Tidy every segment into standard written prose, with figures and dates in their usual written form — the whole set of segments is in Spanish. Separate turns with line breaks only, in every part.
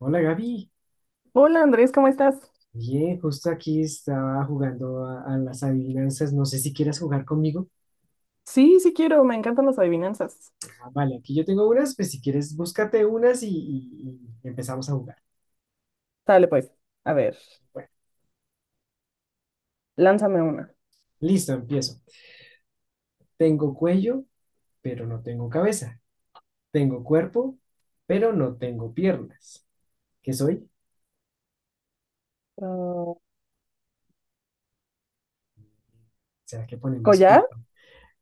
Hola Gaby,
Hola Andrés, ¿cómo estás?
bien, justo aquí estaba jugando a las adivinanzas, no sé si quieras jugar conmigo.
Sí, sí quiero, me encantan las adivinanzas.
Ah, vale, aquí yo tengo unas, pues si quieres búscate unas y empezamos a jugar.
Dale pues, a ver,
Bueno,
lánzame una.
listo, empiezo. Tengo cuello, pero no tengo cabeza. Tengo cuerpo, pero no tengo piernas. ¿Qué soy?
Ah,
¿Será que ponemos
¿collar?
cur-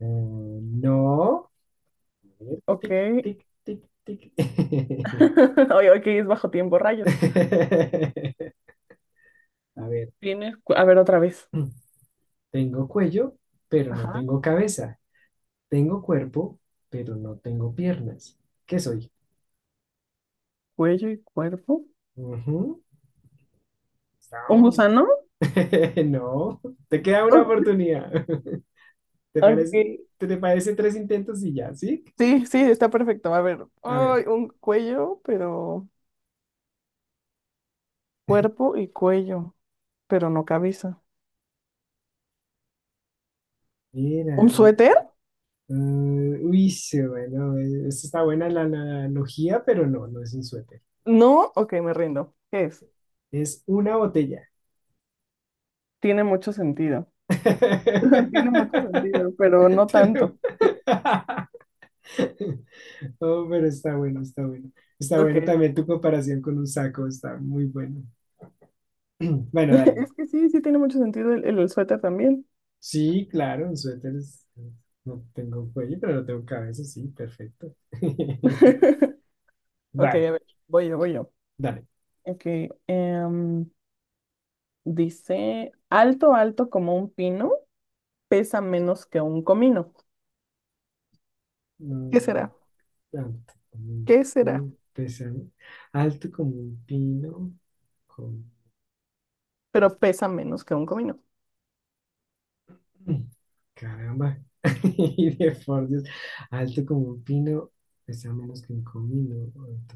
Eh, no. A ver,
Ok.
tic, tic, tic, tic.
Oye, ok, es bajo tiempo, rayo.
A ver.
Tiene, a ver otra vez.
Tengo cuello, pero no
Ajá,
tengo cabeza. Tengo cuerpo, pero no tengo piernas. ¿Qué soy?
cuello y cuerpo.
Ujú.
¿Un
No.
gusano?
No. Te queda una
Oh,
oportunidad. ¿Te
ok.
parece, te parece tres intentos y ya, ¿sí?
Sí, sí, está perfecto. A ver,
A ver.
ay, un cuello, pero cuerpo y cuello, pero no cabeza.
Mira,
¿Un
a ver.
suéter?
Mm, uy, sí, bueno, esta está buena la analogía, pero no, no es un suéter.
No, ok, me rindo. ¿Qué es?
Es una botella.
Tiene mucho sentido. Tiene mucho sentido, pero no
Te
tanto.
lo- Oh, pero está bueno, está bueno. Está
Ok.
bueno también tu comparación con un saco, está muy bueno. Bueno, dale.
Es que sí, sí tiene mucho sentido el suéter también.
Sí, claro, un suéter es- no tengo cuello, pero no tengo cabeza, sí, perfecto.
Ok,
Vale,
a ver, voy yo.
dale.
Ok, em, dice, alto, alto como un pino, pesa menos que un comino. ¿Qué
Mm,
será?
Alto como un
¿Qué será?
pi- pesado, alto como un pino, con...
Pero pesa menos que un comino.
Mm, Caramba. Y de por Dios, alto como un pino, pesa menos que un comino. Alto.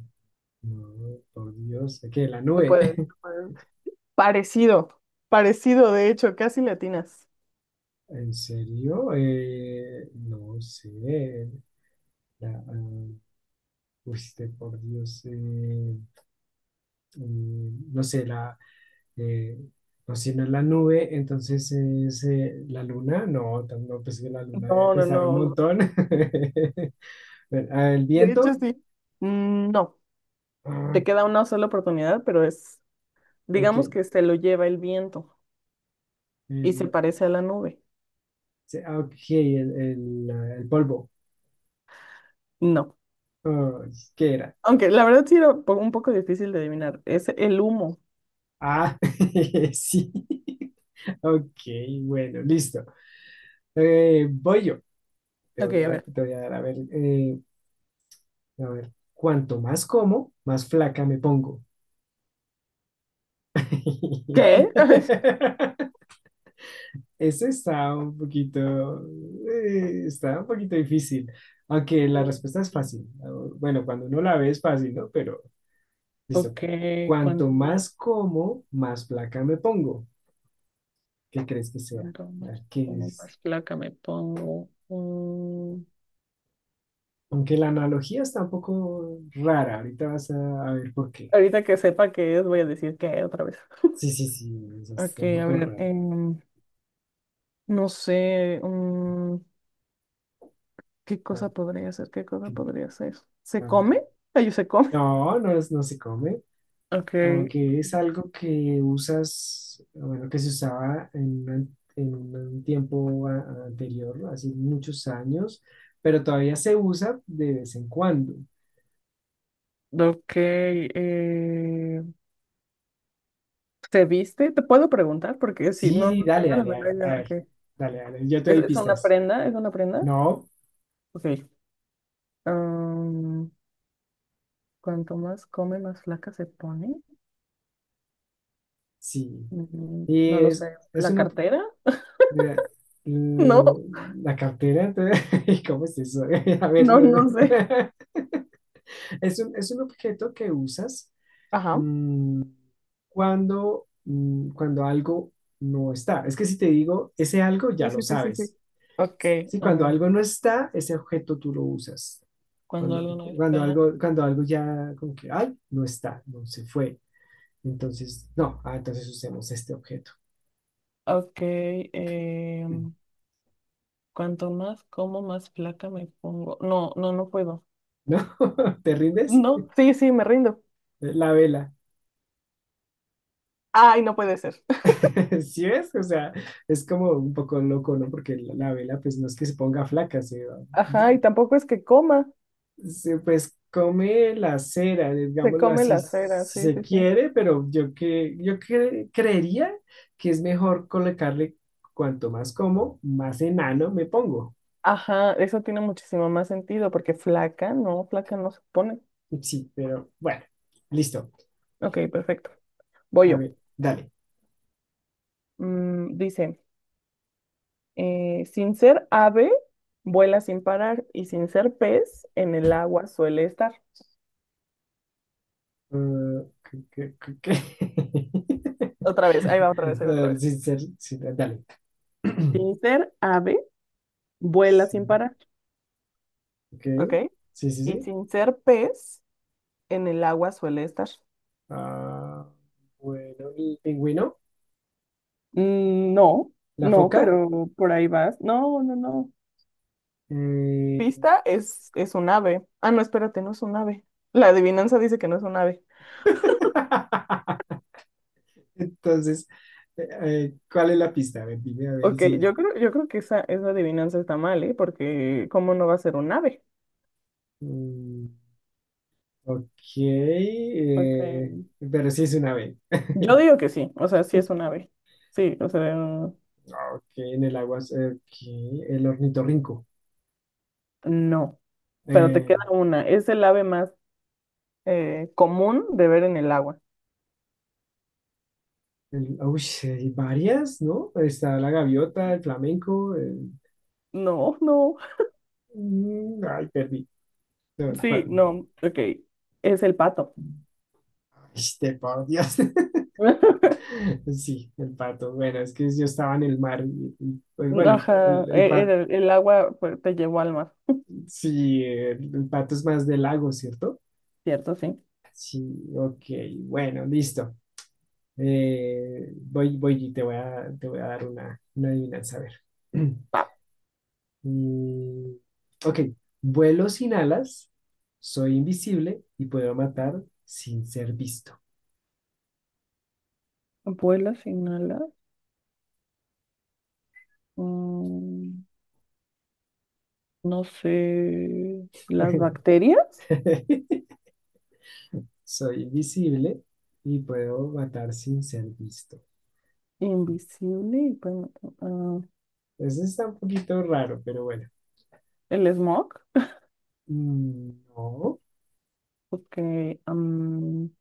No, por Dios, ¿qué? La
Tú
nube.
puedes, tú puedes. Parecido, parecido, de hecho, casi latinas.
¿En serio? No sé. La, uy, este, por Dios. No sé, la. eh, no, si no es la nube, entonces es la luna. No, tam- no, pues que la luna debe
No, no,
pesar un
no, no.
montón. Bueno, el
De hecho,
viento.
sí. Mm, no,
Ah,
te queda una sola oportunidad, pero es,
ok.
digamos que se lo lleva el viento y se
El,
parece a la nube.
se- ah, ok, sí, el, el polvo.
No.
Ah, ¿qué era?
Aunque la verdad sí era un poco difícil de adivinar. Es el humo.
Ah, sí. Ok, bueno, listo. Voy yo.
Ok, a ver.
Te voy a dar, a ver, cuanto más como, más flaca me pongo.
¿Qué?
Ese está un poquito difícil, aunque la
Mm.
respuesta es fácil. Bueno, cuando uno la ve es fácil, ¿no? Pero, listo,
Ok,
cu- cuanto
cuanto más,
más como, más flaca me pongo. ¿Qué crees que sea? A ver, ¿qué
cuanto
es?
más placa me pongo. Mm,
Aunque la analogía está un poco rara, ahorita vas a ver por qué.
ahorita que sepa qué es, voy a decir qué otra vez.
Sí, sí, sí, eso
Ok,
está un
a
poco
ver,
raro.
no sé, ¿qué
Ah,
cosa podría ser? ¿Qué cosa
ok.
podría ser? ¿Se
Ah,
come? Ay, se come.
no, no es, no se come,
Ok,
aunque es algo que usas, bueno, que se usaba en, una- en un tiempo a- anterior, hace muchos años, pero todavía se usa de vez en cuando.
ok, ¿se viste? ¿Te puedo preguntar? Porque si
Sí,
no,
sí,
no
dale,
tengo la
dale,
menor
a
idea.
ver,
Okay.
dale, dale, yo te doy
Es una
pistas.
prenda? ¿Es una prenda?
No,
Ok. am, cuanto más come, más flaca se pone.
sí,
Mm,
y
no lo sé.
es
¿La
una,
cartera?
eh,
No,
la cartera, entonces, ¿cómo es eso? A ver,
no,
no.
no sé.
Es un objeto que usas.
Ajá.
Cuando, cuando algo no está. Es que si te digo ese algo, ya
Sí,
lo
sí, sí, sí, sí.
sabes.
Ok,
Sí,
a
cuando
ver.
algo no está, ese objeto tú lo usas.
Cuando
Cuando,
algo no
cuando
está.
algo, cuando algo ya como que, ay, no está, no se fue. Entonces, no, ah, entonces usemos este objeto.
Ok.
¿No?
em, cuanto más como, más flaca me pongo. No, no, no puedo.
¿Te rindes?
No, sí, sí, me rindo.
La vela.
Ay, no puede ser.
¿Sí ves? O sea, es como un poco loco, ¿no? Porque la vela, pues no es que se ponga flaca, se va-
Ajá, y tampoco es que coma,
se, pues come la cera,
se
digámoslo
come
así,
las feras,
si
sí,
se
sí, sí.
quiere, pero yo, que, yo cre- creería que es mejor colocarle cuanto más como, más enano me pongo.
Ajá, eso tiene muchísimo más sentido porque flaca no se pone.
Sí, pero bueno, listo.
Ok, perfecto. Voy
A
yo.
ver, dale.
Mm, dice, sin ser ave, vuela sin parar y sin ser pez, en el agua suele estar.
¿Qué- qué- qué- qué?
Otra vez, ahí va otra vez,
A
ahí va otra
ver,
vez.
sin ser- sí, dale.
Sin ser ave, vuela sin
Sí,
parar,
ok.
¿ok?
Sí, sí,
Y
sí.
sin ser pez, en el agua suele estar.
Ah, bueno, el pingüino,
Mm, no,
la
no,
foca.
pero por ahí vas. No, no, no.
Eh,
Pista es un ave. Ah, no, espérate, no es un ave. La adivinanza dice que no es un ave.
entonces, ¿cuál es la pista? A ver, dime a ver
Ok,
si.
yo creo que esa adivinanza está mal, ¿eh? Porque ¿cómo no va a ser un ave?
mm, ok.
Porque
eh, pero sí es una B.
yo digo que sí, o sea, sí es un ave. Sí, o sea,
Ok, en el agua. Ok, el ornitorrinco.
no. Pero te
Eh,
queda una. Es el ave más común de ver en el agua.
el- uy, sí, hay varias, ¿no? Está la gaviota, el flamenco. El-
No, no.
ay, perdí. No,
Sí,
¿cuál?
no. Ok. Es el pato.
Este, por Dios. Sí, el pato. Bueno, es que yo estaba en el mar. Y, pues, bueno,
Ajá.
el pato.
El agua pues, te llevó al mar,
Sí, el pato es más de lago, ¿cierto?
¿cierto? Sí.
Sí, ok, bueno, listo. Voy, voy y te voy a dar una adivinanza, a ver. Mm, ok, vuelo sin alas, soy invisible y puedo matar sin ser visto.
Vuelas, inhalas. mm, no sé. Las bacterias.
Soy invisible y puedo matar sin ser visto.
Invisible y ah,
Eso está un poquito raro, pero bueno.
el smog.
Mm, No,
Porque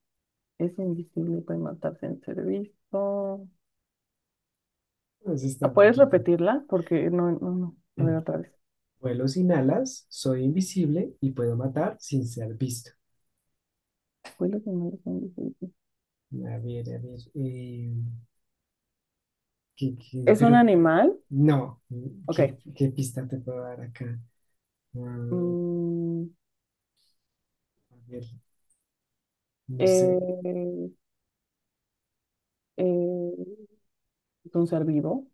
es invisible y puede matarse en servicio.
eso está
Ah,
un
¿puedes
poquito.
repetirla? Porque no, no, no. A ver, otra vez.
Vuelo sin alas, soy invisible y puedo matar sin ser visto.
Vuelas, inhalas, invisible.
A ver, ¿qué- qué?
¿Es un
Pero
animal?
no, ¿qué,
Ok.
qué pista te puedo dar acá? Ah,
Mm,
a ver, no sé.
eh, eh, es un ser vivo.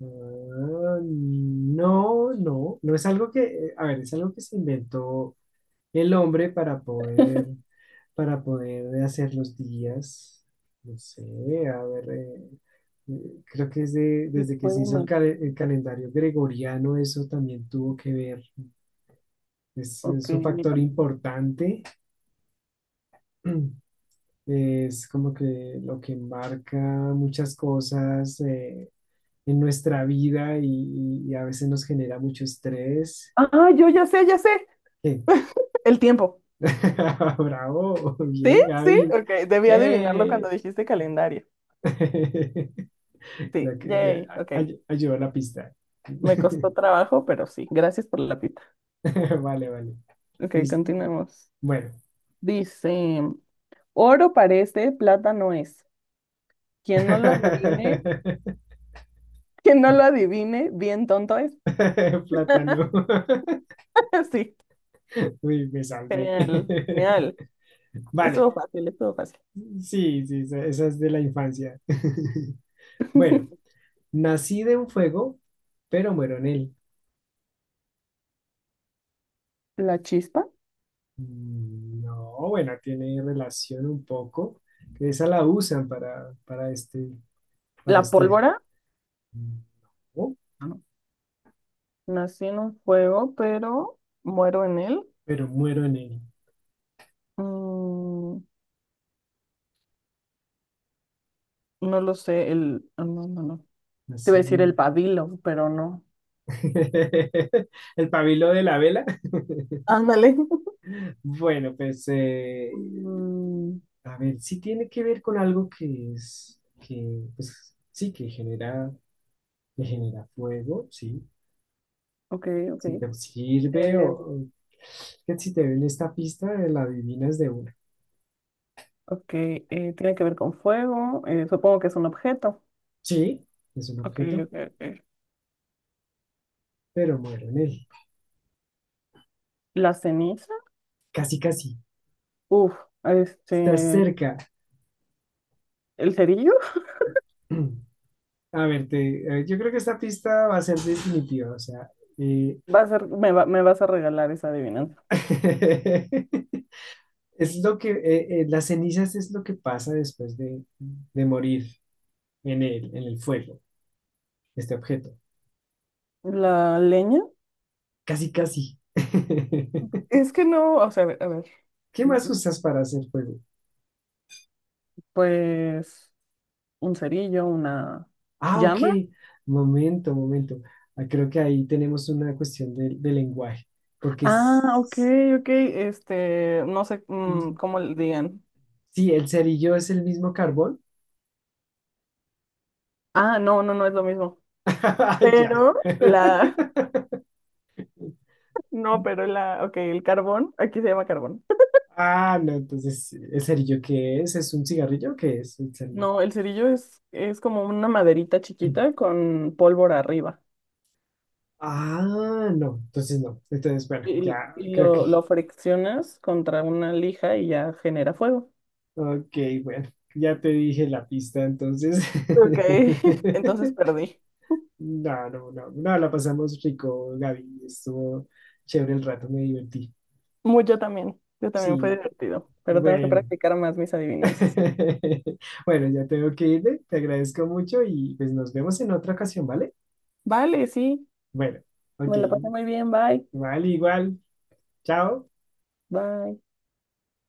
Ah, no, no, no es algo que, a ver, es algo que se inventó el hombre para poder hacer los días, no sé, a ver, creo que desde,
Y
desde que se
puede
hizo el,
matar.
cal- el calendario gregoriano, eso también tuvo que ver,
Ok,
es un
mira.
factor importante, es como que lo que marca muchas cosas en nuestra vida y a veces nos genera mucho estrés.
Ah, yo ya sé, ya sé.
Eh,
El tiempo.
Bravo,
¿Sí?
bien,
¿Sí?
Gaby.
Ok, debí adivinarlo cuando
¡Eh!
dijiste calendario.
Ya
Sí,
que- ya,
yay,
a-
ok.
ay- Ayudó a la pista.
Me costó trabajo, pero sí, gracias por la pita.
Vale, vale.
Ok,
Listo.
continuemos.
Bueno.
Dice, oro parece, plata no es. Quien no lo adivine, quien no lo adivine, bien tonto es.
Plátano.
Sí,
Uy, me salvé.
genial, genial.
Vale.
Estuvo fácil, estuvo fácil.
Sí, sí, esa esa es de la infancia. Bueno, nací de un fuego, pero muero en él.
La chispa,
No, bueno, tiene relación un poco. Que esa la usan para este, para
la
este.
pólvora.
Mm, No.
No. Nací en un fuego, pero muero en él.
Pero muero en él.
Mm, no lo sé, el... ah, no, no, no. Te iba
Así
a decir
no.
el pabilo, pero no.
El pabilo de la vela.
Ándale.
Bueno, pues
Mm,
a ver, sí tiene que ver con algo que es, que pues, sí, que genera fuego, sí.
ok, ok.
Si te sirve
Eh,
o- que si te ven esta pista, la adivinas de una.
ok, tiene que ver con fuego. Eh, supongo que es un objeto.
Sí, es un
Ok,
objeto,
ok, ok.
pero muero en él.
La ceniza.
Casi, casi.
Uf,
Estás
este.
cerca.
El cerillo.
A ver, te- yo creo que esta pista va a ser definitiva, o sea, eh,
Va a ser, me vas a regalar esa adivinanza.
es lo que, las cenizas es lo que pasa después de morir en el fuego, este objeto.
La leña.
Casi, casi.
Es que no, o sea, a ver, a ver.
¿Qué más
Mm,
usas para hacer fuego?
pues un cerillo, una
Ah, ok,
llama.
momento, momento. Ah, creo que ahí tenemos una cuestión de lenguaje, porque
Ah, ok,
es-
ok. Este, no sé cómo le digan.
sí, el cerillo es el mismo carbón.
Ah, no, no, no es lo mismo.
Ya.
Pero la, no, pero la, ok, el carbón, aquí se llama carbón.
Ah, no, entonces, ¿el cerillo qué es? ¿Es un cigarrillo? ¿Qué es el cerillo?
No, el cerillo es como una maderita chiquita con pólvora arriba.
Ah, no, entonces no. Entonces, bueno,
Y,
ya
y
creo
lo,
que.
lo friccionas contra una lija y ya genera fuego.
Ok, bueno, ya te dije la pista, entonces.
Ok, entonces perdí.
No, no, no, no, la pasamos rico, Gaby. Estuvo chévere el rato, me divertí.
Muy, yo también fue
Sí,
divertido, pero tengo que
bueno,
practicar más mis adivinanzas.
Bueno, ya tengo que irme, te agradezco mucho y pues nos vemos en otra ocasión, ¿vale?
Vale, sí,
Bueno, ok,
me la pasé muy bien, bye,
igual, igual, chao.
bye.